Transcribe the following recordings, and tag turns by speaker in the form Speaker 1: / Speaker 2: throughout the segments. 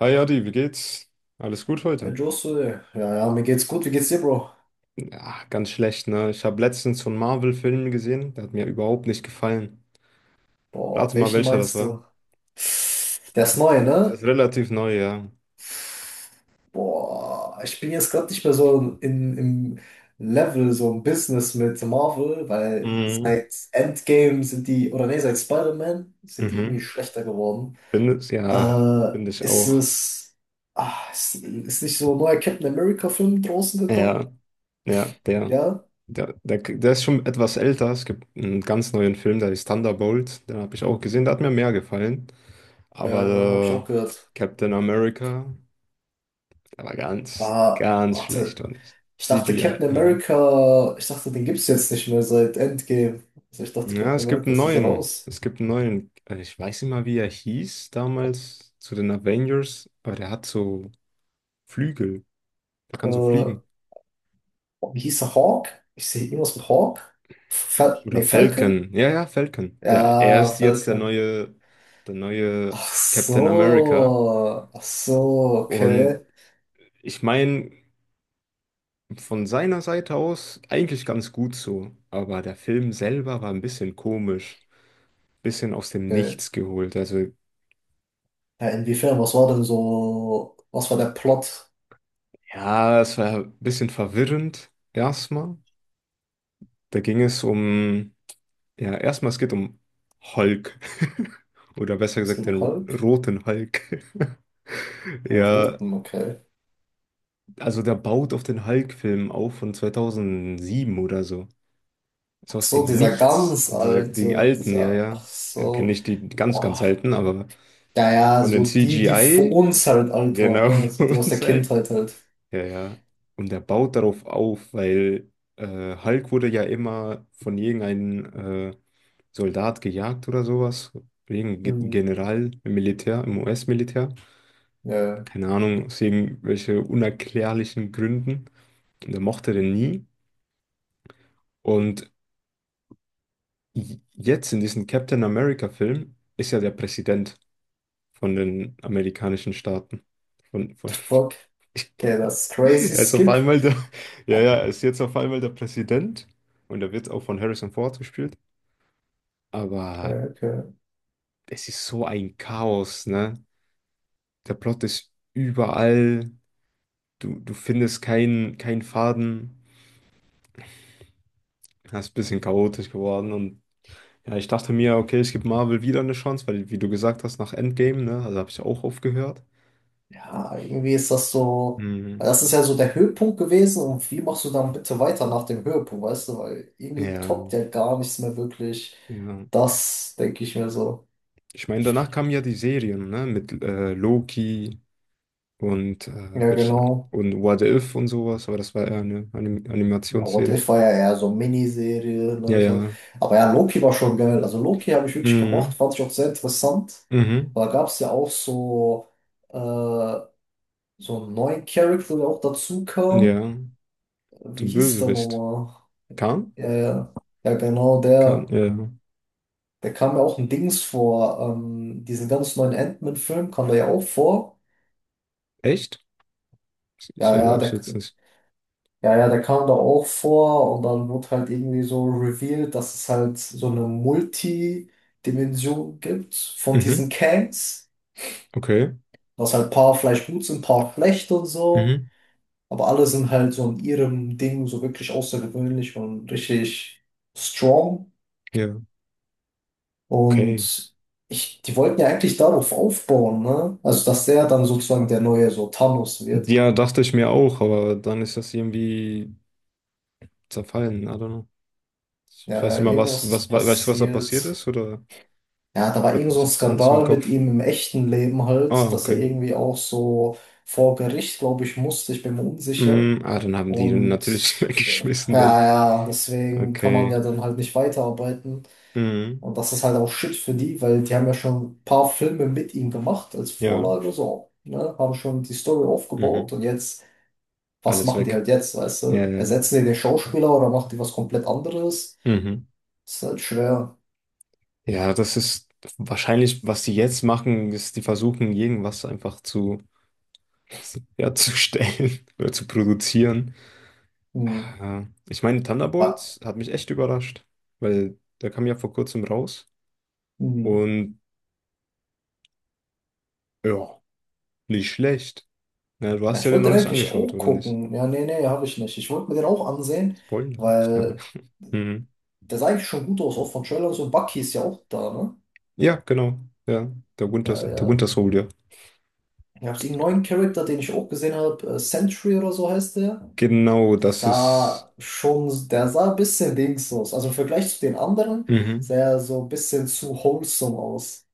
Speaker 1: Hi Adi, wie geht's? Alles gut
Speaker 2: Hey
Speaker 1: heute?
Speaker 2: Josse, ja, mir geht's gut. Wie geht's dir, Bro?
Speaker 1: Ja, ganz schlecht, ne? Ich habe letztens so einen Marvel-Film gesehen, der hat mir überhaupt nicht gefallen.
Speaker 2: Boah,
Speaker 1: Rate mal,
Speaker 2: welchen
Speaker 1: welcher das
Speaker 2: meinst
Speaker 1: war.
Speaker 2: du? Der ist
Speaker 1: Das,
Speaker 2: neu,
Speaker 1: das
Speaker 2: ne?
Speaker 1: ist relativ neu, ja.
Speaker 2: Boah, ich bin jetzt gerade nicht mehr so im Level, so im Business mit Marvel, weil
Speaker 1: Mhm.
Speaker 2: seit Endgame sind die, oder nee, seit Spider-Man sind die irgendwie
Speaker 1: Mhm.
Speaker 2: schlechter geworden.
Speaker 1: Finde es, ja, finde ich
Speaker 2: Ist
Speaker 1: auch.
Speaker 2: es, ah, ist nicht so ein neuer Captain America-Film draußen gekommen?
Speaker 1: Ja, ja, der,
Speaker 2: Ja?
Speaker 1: der, der, der ist schon etwas älter. Es gibt einen ganz neuen Film, der ist Thunderbolt. Den habe ich auch gesehen, der hat mir mehr gefallen.
Speaker 2: Ja, hab ich
Speaker 1: Aber
Speaker 2: auch gehört.
Speaker 1: Captain America, der war ganz,
Speaker 2: Aber,
Speaker 1: ganz schlecht,
Speaker 2: warte.
Speaker 1: fand ich. CGI.
Speaker 2: Ich dachte, den gibt's jetzt nicht mehr seit Endgame. Also ich dachte,
Speaker 1: Ja, es
Speaker 2: Captain
Speaker 1: gibt
Speaker 2: America
Speaker 1: einen
Speaker 2: ist jetzt
Speaker 1: neuen.
Speaker 2: raus.
Speaker 1: Es gibt einen neuen. Ich weiß nicht mal, wie er hieß damals zu den Avengers, aber der hat so Flügel. Der kann so
Speaker 2: Äh,
Speaker 1: fliegen.
Speaker 2: Wie hieß er? Hawk? Ich sehe irgendwas mit Hawk.
Speaker 1: Oder
Speaker 2: Falcon?
Speaker 1: Falcon. Ja, ja, Falcon. Ja, er
Speaker 2: Ja,
Speaker 1: ist jetzt der
Speaker 2: Falcon.
Speaker 1: neue, der neue
Speaker 2: Ach
Speaker 1: Captain America.
Speaker 2: so. Ach so,
Speaker 1: Und
Speaker 2: okay.
Speaker 1: ich meine, von seiner Seite aus eigentlich ganz gut so. Aber der Film selber war ein bisschen komisch. Bisschen aus dem
Speaker 2: Okay.
Speaker 1: Nichts geholt. Also,
Speaker 2: Ja, inwiefern, was war denn so, was war der Plot?
Speaker 1: ja, es war ein bisschen verwirrend erstmal. Da ging es um, ja, erstmal es geht um Hulk. Oder besser
Speaker 2: Es
Speaker 1: gesagt,
Speaker 2: gibt einen
Speaker 1: den
Speaker 2: Hulk?
Speaker 1: roten Hulk.
Speaker 2: Einen
Speaker 1: Ja,
Speaker 2: roten, okay.
Speaker 1: also der baut auf den Hulk-Film auf von 2007 oder so. So aus dem Nichts. Diese, die alten, ja, ja.
Speaker 2: Ach
Speaker 1: Ja, kenne
Speaker 2: so.
Speaker 1: nicht die ganz, ganz
Speaker 2: Boah.
Speaker 1: alten, aber
Speaker 2: Ja, ja,
Speaker 1: von den
Speaker 2: so die für
Speaker 1: CGI,
Speaker 2: uns halt alt waren,
Speaker 1: genau,
Speaker 2: ne? Also
Speaker 1: von
Speaker 2: die aus der
Speaker 1: uns halt.
Speaker 2: Kindheit halt.
Speaker 1: Ja, ja. Und er baut darauf auf, weil Hulk wurde ja immer von irgendeinem Soldat gejagt oder sowas. Irgendein
Speaker 2: Hm.
Speaker 1: General im Militär, im US-Militär.
Speaker 2: Ja.
Speaker 1: Keine Ahnung, aus irgendwelchen unerklärlichen Gründen. Und er mochte den nie. Und jetzt in diesem Captain America-Film ist ja der Präsident von den amerikanischen Staaten. Von
Speaker 2: Fuck? Okay, das ist crazy
Speaker 1: Er ist auf
Speaker 2: Skip.
Speaker 1: einmal der, ja, ja, er ist jetzt auf einmal der Präsident und er wird auch von Harrison Ford gespielt. Aber
Speaker 2: Okay, okay.
Speaker 1: es ist so ein Chaos, ne? Der Plot ist überall, du findest keinen Faden. Das ist ein bisschen chaotisch geworden und ja, ich dachte mir, okay, ich gebe Marvel wieder eine Chance, weil, wie du gesagt hast, nach Endgame, ne? Also habe ich auch aufgehört.
Speaker 2: Ja, irgendwie ist das so.
Speaker 1: Mhm.
Speaker 2: Das ist ja so der Höhepunkt gewesen und wie machst du dann bitte weiter nach dem Höhepunkt, weißt du? Weil irgendwie
Speaker 1: Ja,
Speaker 2: toppt ja gar nichts mehr wirklich.
Speaker 1: ja.
Speaker 2: Das denke ich mir so.
Speaker 1: Ich meine, danach kamen ja die Serien, ne? Mit Loki. Und,
Speaker 2: Ja, genau.
Speaker 1: und What If und sowas, aber das war eher eine
Speaker 2: Ja, What
Speaker 1: Animationsserie.
Speaker 2: If war ja eher so Miniserie,
Speaker 1: Ja,
Speaker 2: ne, so.
Speaker 1: ja.
Speaker 2: Aber ja, Loki war schon geil. Also Loki habe ich wirklich
Speaker 1: Mhm.
Speaker 2: gemocht, fand ich auch sehr interessant.
Speaker 1: Mhm.
Speaker 2: Weil da gab es ja auch so, äh, so einen neuen Charakter, der auch dazu
Speaker 1: Ja,
Speaker 2: kam. Wie
Speaker 1: zum
Speaker 2: hieß der
Speaker 1: Bösewicht.
Speaker 2: nochmal?
Speaker 1: Kann?
Speaker 2: Ja, ja. Ja, genau,
Speaker 1: Kann,
Speaker 2: der,
Speaker 1: ja.
Speaker 2: der kam ja auch ein Dings vor. Diesen ganz neuen Ant-Man-Film kam der ja auch vor.
Speaker 1: Echt? Ich
Speaker 2: Ja,
Speaker 1: erinnere
Speaker 2: ja,
Speaker 1: mich
Speaker 2: der,
Speaker 1: jetzt nicht.
Speaker 2: Ja, ja, der kam da auch vor und dann wurde halt irgendwie so revealed, dass es halt so eine Multidimension gibt von diesen
Speaker 1: Mhm.
Speaker 2: Kangs,
Speaker 1: Okay.
Speaker 2: dass halt ein paar vielleicht gut sind, ein paar schlecht und so,
Speaker 1: Mhm.
Speaker 2: aber alle sind halt so in ihrem Ding so wirklich außergewöhnlich und richtig strong
Speaker 1: Ja. Okay.
Speaker 2: und ich, die wollten ja eigentlich darauf aufbauen, ne? Also, dass der dann sozusagen der neue so Thanos wird.
Speaker 1: Ja, dachte ich mir auch, aber dann ist das irgendwie zerfallen. I don't know. Ich
Speaker 2: Ja,
Speaker 1: weiß nicht
Speaker 2: ja,
Speaker 1: mal,
Speaker 2: irgendwas ist
Speaker 1: weißt du, was da passiert
Speaker 2: passiert.
Speaker 1: ist? Oder
Speaker 2: Ja, da war irgend so
Speaker 1: ich
Speaker 2: ein
Speaker 1: hab das nicht im
Speaker 2: Skandal mit
Speaker 1: Kopf.
Speaker 2: ihm im echten Leben
Speaker 1: Ah,
Speaker 2: halt, dass er
Speaker 1: okay.
Speaker 2: irgendwie auch so vor Gericht, glaube ich, musste. Ich bin mir unsicher.
Speaker 1: Dann haben die den natürlich
Speaker 2: Und äh,
Speaker 1: weggeschmissen dann.
Speaker 2: ja, ja, deswegen kann man ja
Speaker 1: Okay.
Speaker 2: dann halt nicht weiterarbeiten.
Speaker 1: Mhm.
Speaker 2: Und das ist halt auch Shit für die, weil die haben ja schon ein paar Filme mit ihm gemacht als
Speaker 1: Ja.
Speaker 2: Vorlage, so, ne? Haben schon die Story aufgebaut
Speaker 1: Mhm.
Speaker 2: und jetzt, was
Speaker 1: Alles
Speaker 2: machen die
Speaker 1: weg.
Speaker 2: halt jetzt, weißt
Speaker 1: Ja,
Speaker 2: du?
Speaker 1: ja, ja.
Speaker 2: Ersetzen die den Schauspieler oder machen die was komplett anderes?
Speaker 1: Mhm.
Speaker 2: Ist halt schwer.
Speaker 1: Ja, das ist wahrscheinlich, was die jetzt machen, ist, die versuchen, irgendwas einfach zu, ja, zu stellen oder zu produzieren.
Speaker 2: Hm.
Speaker 1: Ich meine,
Speaker 2: Ja.
Speaker 1: Thunderbolts hat mich echt überrascht, weil der kam ja vor kurzem raus
Speaker 2: Hm.
Speaker 1: und ja, nicht schlecht. Ja, du
Speaker 2: Ja,
Speaker 1: hast ja
Speaker 2: ich
Speaker 1: den
Speaker 2: wollte
Speaker 1: noch
Speaker 2: den
Speaker 1: nicht
Speaker 2: eigentlich
Speaker 1: angeschaut,
Speaker 2: auch
Speaker 1: oder nicht?
Speaker 2: gucken. Ja, nee, nee, habe ich nicht. Ich wollte mir den auch ansehen,
Speaker 1: Spoiler.
Speaker 2: weil
Speaker 1: Mhm.
Speaker 2: der sah eigentlich schon gut aus, auch von Trailer und so. Bucky ist ja auch da, ne?
Speaker 1: Ja, genau. Ja, der Winter,
Speaker 2: Ja,
Speaker 1: der
Speaker 2: ja.
Speaker 1: Winter Soldier.
Speaker 2: Ich habe einen neuen Charakter, den ich auch gesehen habe. Sentry oder so heißt der.
Speaker 1: Genau, das ist.
Speaker 2: Der sah ein bisschen links aus. Also im Vergleich zu den anderen
Speaker 1: Mhm.
Speaker 2: sah er so ein bisschen zu wholesome aus.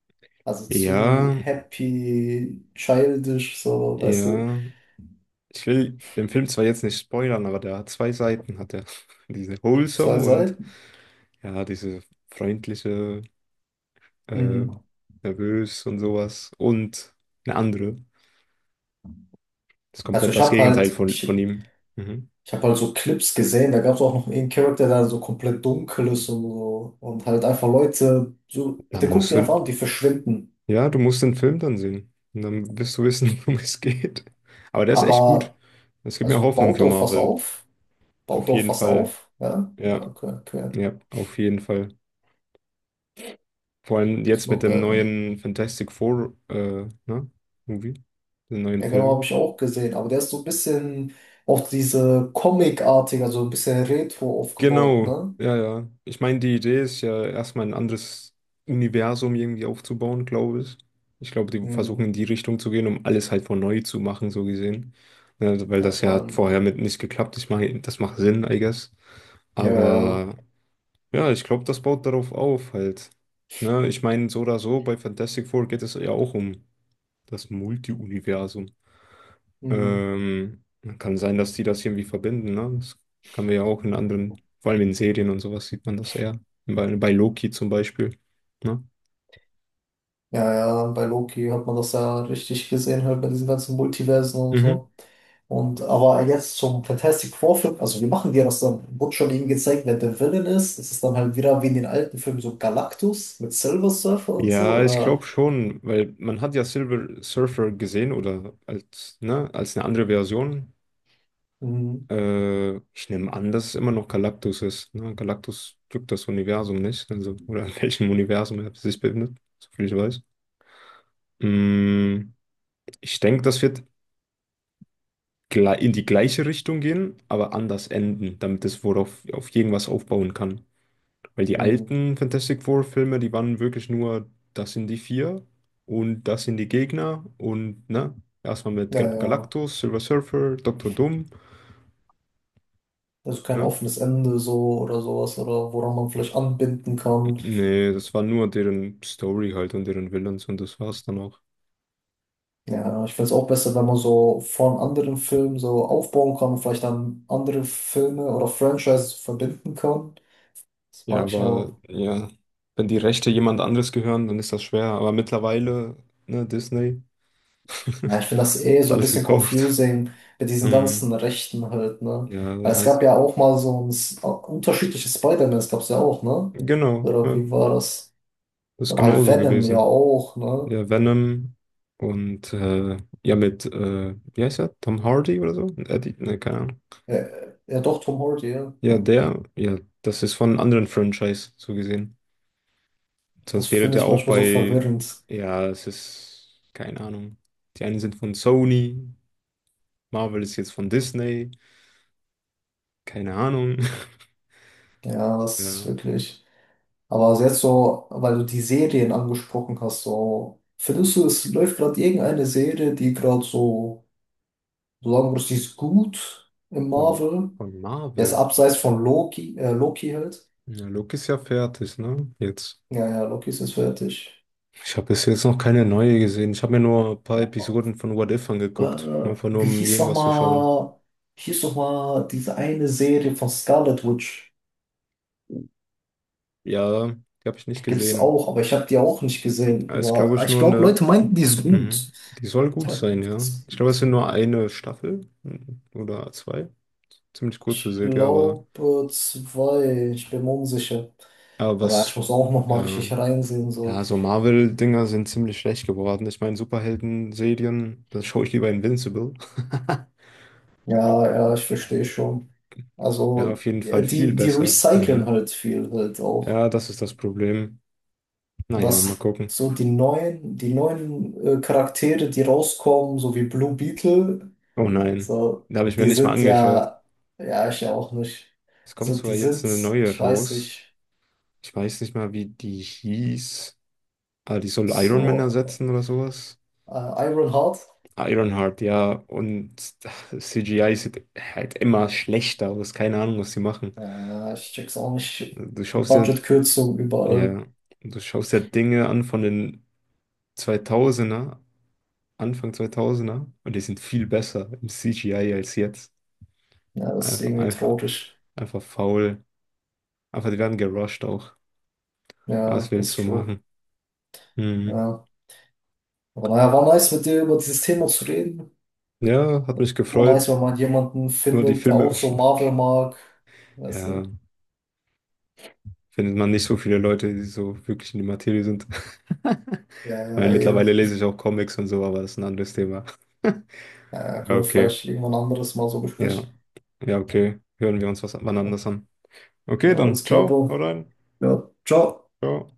Speaker 2: Also zu
Speaker 1: Ja,
Speaker 2: happy, childish, so, weißt du.
Speaker 1: ja. Ich will den Film zwar jetzt nicht spoilern, aber der hat zwei Seiten, hat er. Diese
Speaker 2: Das
Speaker 1: wholesome
Speaker 2: soll
Speaker 1: und
Speaker 2: sein.
Speaker 1: ja, diese freundliche, äh,
Speaker 2: Mhm.
Speaker 1: nervös und sowas. Und eine andere. Das ist
Speaker 2: Also
Speaker 1: komplett
Speaker 2: ich
Speaker 1: das
Speaker 2: habe
Speaker 1: Gegenteil
Speaker 2: halt,
Speaker 1: von
Speaker 2: ich,
Speaker 1: ihm. Mhm.
Speaker 2: Ich habe halt so Clips gesehen, da gab es auch noch einen Charakter, der so komplett dunkel ist und so. Und halt einfach Leute, so,
Speaker 1: Da
Speaker 2: der guckt
Speaker 1: musst
Speaker 2: die
Speaker 1: du,
Speaker 2: einfach an, die verschwinden.
Speaker 1: ja, du musst den Film dann sehen. Und dann wirst du wissen, worum es geht. Aber der ist echt gut.
Speaker 2: Aber,
Speaker 1: Das gibt mir
Speaker 2: also
Speaker 1: Hoffnung
Speaker 2: baut
Speaker 1: für
Speaker 2: auf was
Speaker 1: Marvel.
Speaker 2: auf. Baut
Speaker 1: Auf
Speaker 2: auf
Speaker 1: jeden
Speaker 2: was
Speaker 1: Fall.
Speaker 2: auf. Ja, ja
Speaker 1: Ja,
Speaker 2: okay, okay.
Speaker 1: ja, auf jeden Fall. Vor allem
Speaker 2: Ist
Speaker 1: jetzt mit
Speaker 2: not
Speaker 1: dem
Speaker 2: bad. Ne?
Speaker 1: neuen Fantastic Four, ne? Movie, dem neuen
Speaker 2: Ja, genau, habe
Speaker 1: Film.
Speaker 2: ich auch gesehen. Aber der ist so ein bisschen auf diese Comic-artig, also ein bisschen Retro aufgebaut,
Speaker 1: Genau,
Speaker 2: ne?
Speaker 1: ja, ja. Ich meine, die Idee ist ja erstmal ein anderes Universum irgendwie aufzubauen, glaube ich. Ich glaube, die versuchen
Speaker 2: Hm.
Speaker 1: in die Richtung zu gehen, um alles halt von neu zu machen, so gesehen. Ne, weil
Speaker 2: Ja,
Speaker 1: das
Speaker 2: ich
Speaker 1: ja hat
Speaker 2: meine,
Speaker 1: vorher mit nicht geklappt. Ich meine, das macht Sinn, I guess.
Speaker 2: ja, ja. ja.
Speaker 1: Aber ja, ich glaube, das baut darauf auf halt. Ne, ich meine, so oder so, bei Fantastic Four geht es ja auch um das Multi-Universum.
Speaker 2: Hm.
Speaker 1: Ähm, Kann sein, dass die das irgendwie verbinden, ne? Das kann man ja auch in anderen, vor allem in Serien und sowas sieht man das eher. Bei Loki zum Beispiel, ne?
Speaker 2: Ja, ja, bei Loki hat man das ja richtig gesehen, halt bei diesen ganzen Multiversen und
Speaker 1: Mhm.
Speaker 2: so. Und aber jetzt zum Fantastic Four-Film, also wie machen die das dann? Wurde schon eben gezeigt, wer der Villain ist. Ist es dann halt wieder wie in den alten Filmen so Galactus mit Silver Surfer und so?
Speaker 1: Ja, ich
Speaker 2: Oder
Speaker 1: glaube schon, weil man hat ja Silver Surfer gesehen oder als, ne, als eine andere Version.
Speaker 2: hm,
Speaker 1: Ich nehme an, dass es immer noch Galactus ist. Ne? Galactus drückt das Universum nicht, also oder in welchem Universum er sich befindet, soviel ich weiß. Mm, ich denke, das wird in die gleiche Richtung gehen, aber anders enden, damit es worauf auf irgendwas aufbauen kann. Weil die
Speaker 2: hm,
Speaker 1: alten Fantastic Four Filme, die waren wirklich nur, das sind die vier und das sind die Gegner und ne, erstmal mit
Speaker 2: ja, ja.
Speaker 1: Galactus, Silver Surfer, Dr. Doom,
Speaker 2: Also kein
Speaker 1: ne?
Speaker 2: offenes Ende so oder sowas oder woran man vielleicht anbinden kann.
Speaker 1: Nee, das war nur deren Story halt und deren Villains und das war's dann auch.
Speaker 2: Ja, ich finde es auch besser, wenn man so von anderen Filmen so aufbauen kann und vielleicht dann andere Filme oder Franchises verbinden kann. Das
Speaker 1: Ja,
Speaker 2: mag ich auch.
Speaker 1: aber ja, wenn die Rechte jemand anderes gehören, dann ist das schwer. Aber mittlerweile, ne, Disney
Speaker 2: Ja, ich finde das eh
Speaker 1: hat
Speaker 2: so ein
Speaker 1: alles
Speaker 2: bisschen
Speaker 1: gekauft.
Speaker 2: confusing mit diesen ganzen Rechten halt, ne?
Speaker 1: Ja,
Speaker 2: Weil es gab
Speaker 1: heißt,
Speaker 2: ja auch mal so ein S- unterschiedliche Spider-Mans gab es ja auch, ne?
Speaker 1: genau,
Speaker 2: Oder
Speaker 1: ja,
Speaker 2: wie war das?
Speaker 1: ist
Speaker 2: Oder halt
Speaker 1: genauso
Speaker 2: Venom ja
Speaker 1: gewesen.
Speaker 2: auch, ne?
Speaker 1: Ja, Venom und ja, mit, wie heißt er? Tom Hardy oder so? Eddie, ne, keine Ahnung.
Speaker 2: Ja, ja doch, Tom Hardy, ja.
Speaker 1: Ja, der, ja, das ist von einem anderen Franchise so gesehen.
Speaker 2: Das
Speaker 1: Sonst wäre
Speaker 2: finde
Speaker 1: der
Speaker 2: ich
Speaker 1: auch
Speaker 2: manchmal so
Speaker 1: bei,
Speaker 2: verwirrend.
Speaker 1: ja, es ist, keine Ahnung. Die einen sind von Sony, Marvel ist jetzt von Disney, keine Ahnung.
Speaker 2: Ja, das ist
Speaker 1: Ja,
Speaker 2: wirklich. Aber also jetzt so, weil du die Serien angesprochen hast, so, findest du, es läuft gerade irgendeine Serie, die gerade so, so sagen würdest, die ist gut im
Speaker 1: von,
Speaker 2: Marvel?
Speaker 1: von
Speaker 2: Er ist
Speaker 1: Marvel.
Speaker 2: abseits von Loki, Loki halt.
Speaker 1: Ja, Luke ist ja fertig, ne? Jetzt.
Speaker 2: Ja, ja, Loki ist jetzt fertig.
Speaker 1: Ich habe bis jetzt noch keine neue gesehen. Ich habe mir nur ein paar Episoden von What If
Speaker 2: Äh,
Speaker 1: angeguckt. Einfach nur,
Speaker 2: wie
Speaker 1: um
Speaker 2: hieß
Speaker 1: irgendwas zu schauen.
Speaker 2: nochmal, hieß noch mal diese eine Serie von Scarlet Witch?
Speaker 1: Ja, die habe ich nicht
Speaker 2: Die gibt's
Speaker 1: gesehen.
Speaker 2: auch, aber ich habe die auch nicht gesehen.
Speaker 1: Aber ist, glaube
Speaker 2: Aber
Speaker 1: ich,
Speaker 2: ich
Speaker 1: nur
Speaker 2: glaube,
Speaker 1: eine.
Speaker 2: Leute meinten, die ist gut.
Speaker 1: Mhm. Die soll gut
Speaker 2: Meinten,
Speaker 1: sein,
Speaker 2: die
Speaker 1: ja.
Speaker 2: ist
Speaker 1: Ich glaube, es sind
Speaker 2: gut.
Speaker 1: nur eine Staffel mhm, oder zwei. Ziemlich kurze
Speaker 2: Ich
Speaker 1: Serie, aber.
Speaker 2: glaube zwei, ich bin mir unsicher.
Speaker 1: Aber
Speaker 2: Aber ich
Speaker 1: was.
Speaker 2: muss auch nochmal richtig
Speaker 1: Ja,
Speaker 2: reinsehen, so.
Speaker 1: ja, so Marvel-Dinger sind ziemlich schlecht geworden. Ich meine, Superhelden-Serien, das schaue ich lieber Invincible.
Speaker 2: Ja, ja, ich verstehe schon.
Speaker 1: Ja, auf
Speaker 2: Also,
Speaker 1: jeden
Speaker 2: ja,
Speaker 1: Fall viel
Speaker 2: die, die
Speaker 1: besser.
Speaker 2: recyceln
Speaker 1: Mhm.
Speaker 2: halt viel halt auch.
Speaker 1: Ja, das ist das Problem.
Speaker 2: Und
Speaker 1: Naja,
Speaker 2: das
Speaker 1: mal gucken.
Speaker 2: so die neuen, die neuen Charaktere, die rauskommen, so wie Blue Beetle,
Speaker 1: Oh nein,
Speaker 2: so,
Speaker 1: da habe ich mir
Speaker 2: die
Speaker 1: nicht mal
Speaker 2: sind
Speaker 1: angeschaut.
Speaker 2: ja, ja, ich ja auch nicht.
Speaker 1: Es kommt
Speaker 2: So,
Speaker 1: sogar
Speaker 2: die
Speaker 1: jetzt
Speaker 2: sind,
Speaker 1: eine neue
Speaker 2: ich weiß
Speaker 1: raus.
Speaker 2: nicht,
Speaker 1: Ich weiß nicht mal, wie die hieß. Ah, die soll Iron Man
Speaker 2: so
Speaker 1: ersetzen oder sowas.
Speaker 2: äh, Ironheart.
Speaker 1: Ironheart, ja. Und CGI sieht halt immer schlechter aus. Keine Ahnung, was sie machen.
Speaker 2: Ja, ich check's auch nicht.
Speaker 1: Du schaust ja,
Speaker 2: Budgetkürzung überall.
Speaker 1: ja, du schaust ja Dinge an von den 2000, Anfang 2000, und die sind viel besser im CGI als jetzt.
Speaker 2: Ja, das ist
Speaker 1: Einfach,
Speaker 2: irgendwie
Speaker 1: einfach,
Speaker 2: traurig.
Speaker 1: einfach faul. Einfach, die werden gerusht auch. Was
Speaker 2: Ja, das
Speaker 1: willst
Speaker 2: ist
Speaker 1: du
Speaker 2: true.
Speaker 1: machen? Mhm.
Speaker 2: Ja. Aber naja, war nice mit dir über dieses Thema zu reden.
Speaker 1: Ja, hat mich
Speaker 2: War nice,
Speaker 1: gefreut.
Speaker 2: wenn man jemanden
Speaker 1: Nur die
Speaker 2: findet, der auch
Speaker 1: Filme,
Speaker 2: so Marvel mag. Weißt
Speaker 1: ja,
Speaker 2: du?
Speaker 1: findet man nicht so viele Leute, die so wirklich in die Materie sind.
Speaker 2: Ja,
Speaker 1: Ich meine,
Speaker 2: ja, eben.
Speaker 1: mittlerweile lese ich auch Comics und so, aber das ist ein anderes Thema.
Speaker 2: Ja,
Speaker 1: Ja,
Speaker 2: können wir
Speaker 1: okay.
Speaker 2: vielleicht irgendwann anderes Mal so
Speaker 1: Ja.
Speaker 2: besprechen.
Speaker 1: Ja, okay. Hören wir uns was wann
Speaker 2: Ja,
Speaker 1: anders an.
Speaker 2: ja
Speaker 1: Okay, dann
Speaker 2: alles klar,
Speaker 1: ciao. Hau
Speaker 2: Bro.
Speaker 1: rein.
Speaker 2: Ja, ciao.
Speaker 1: Ciao.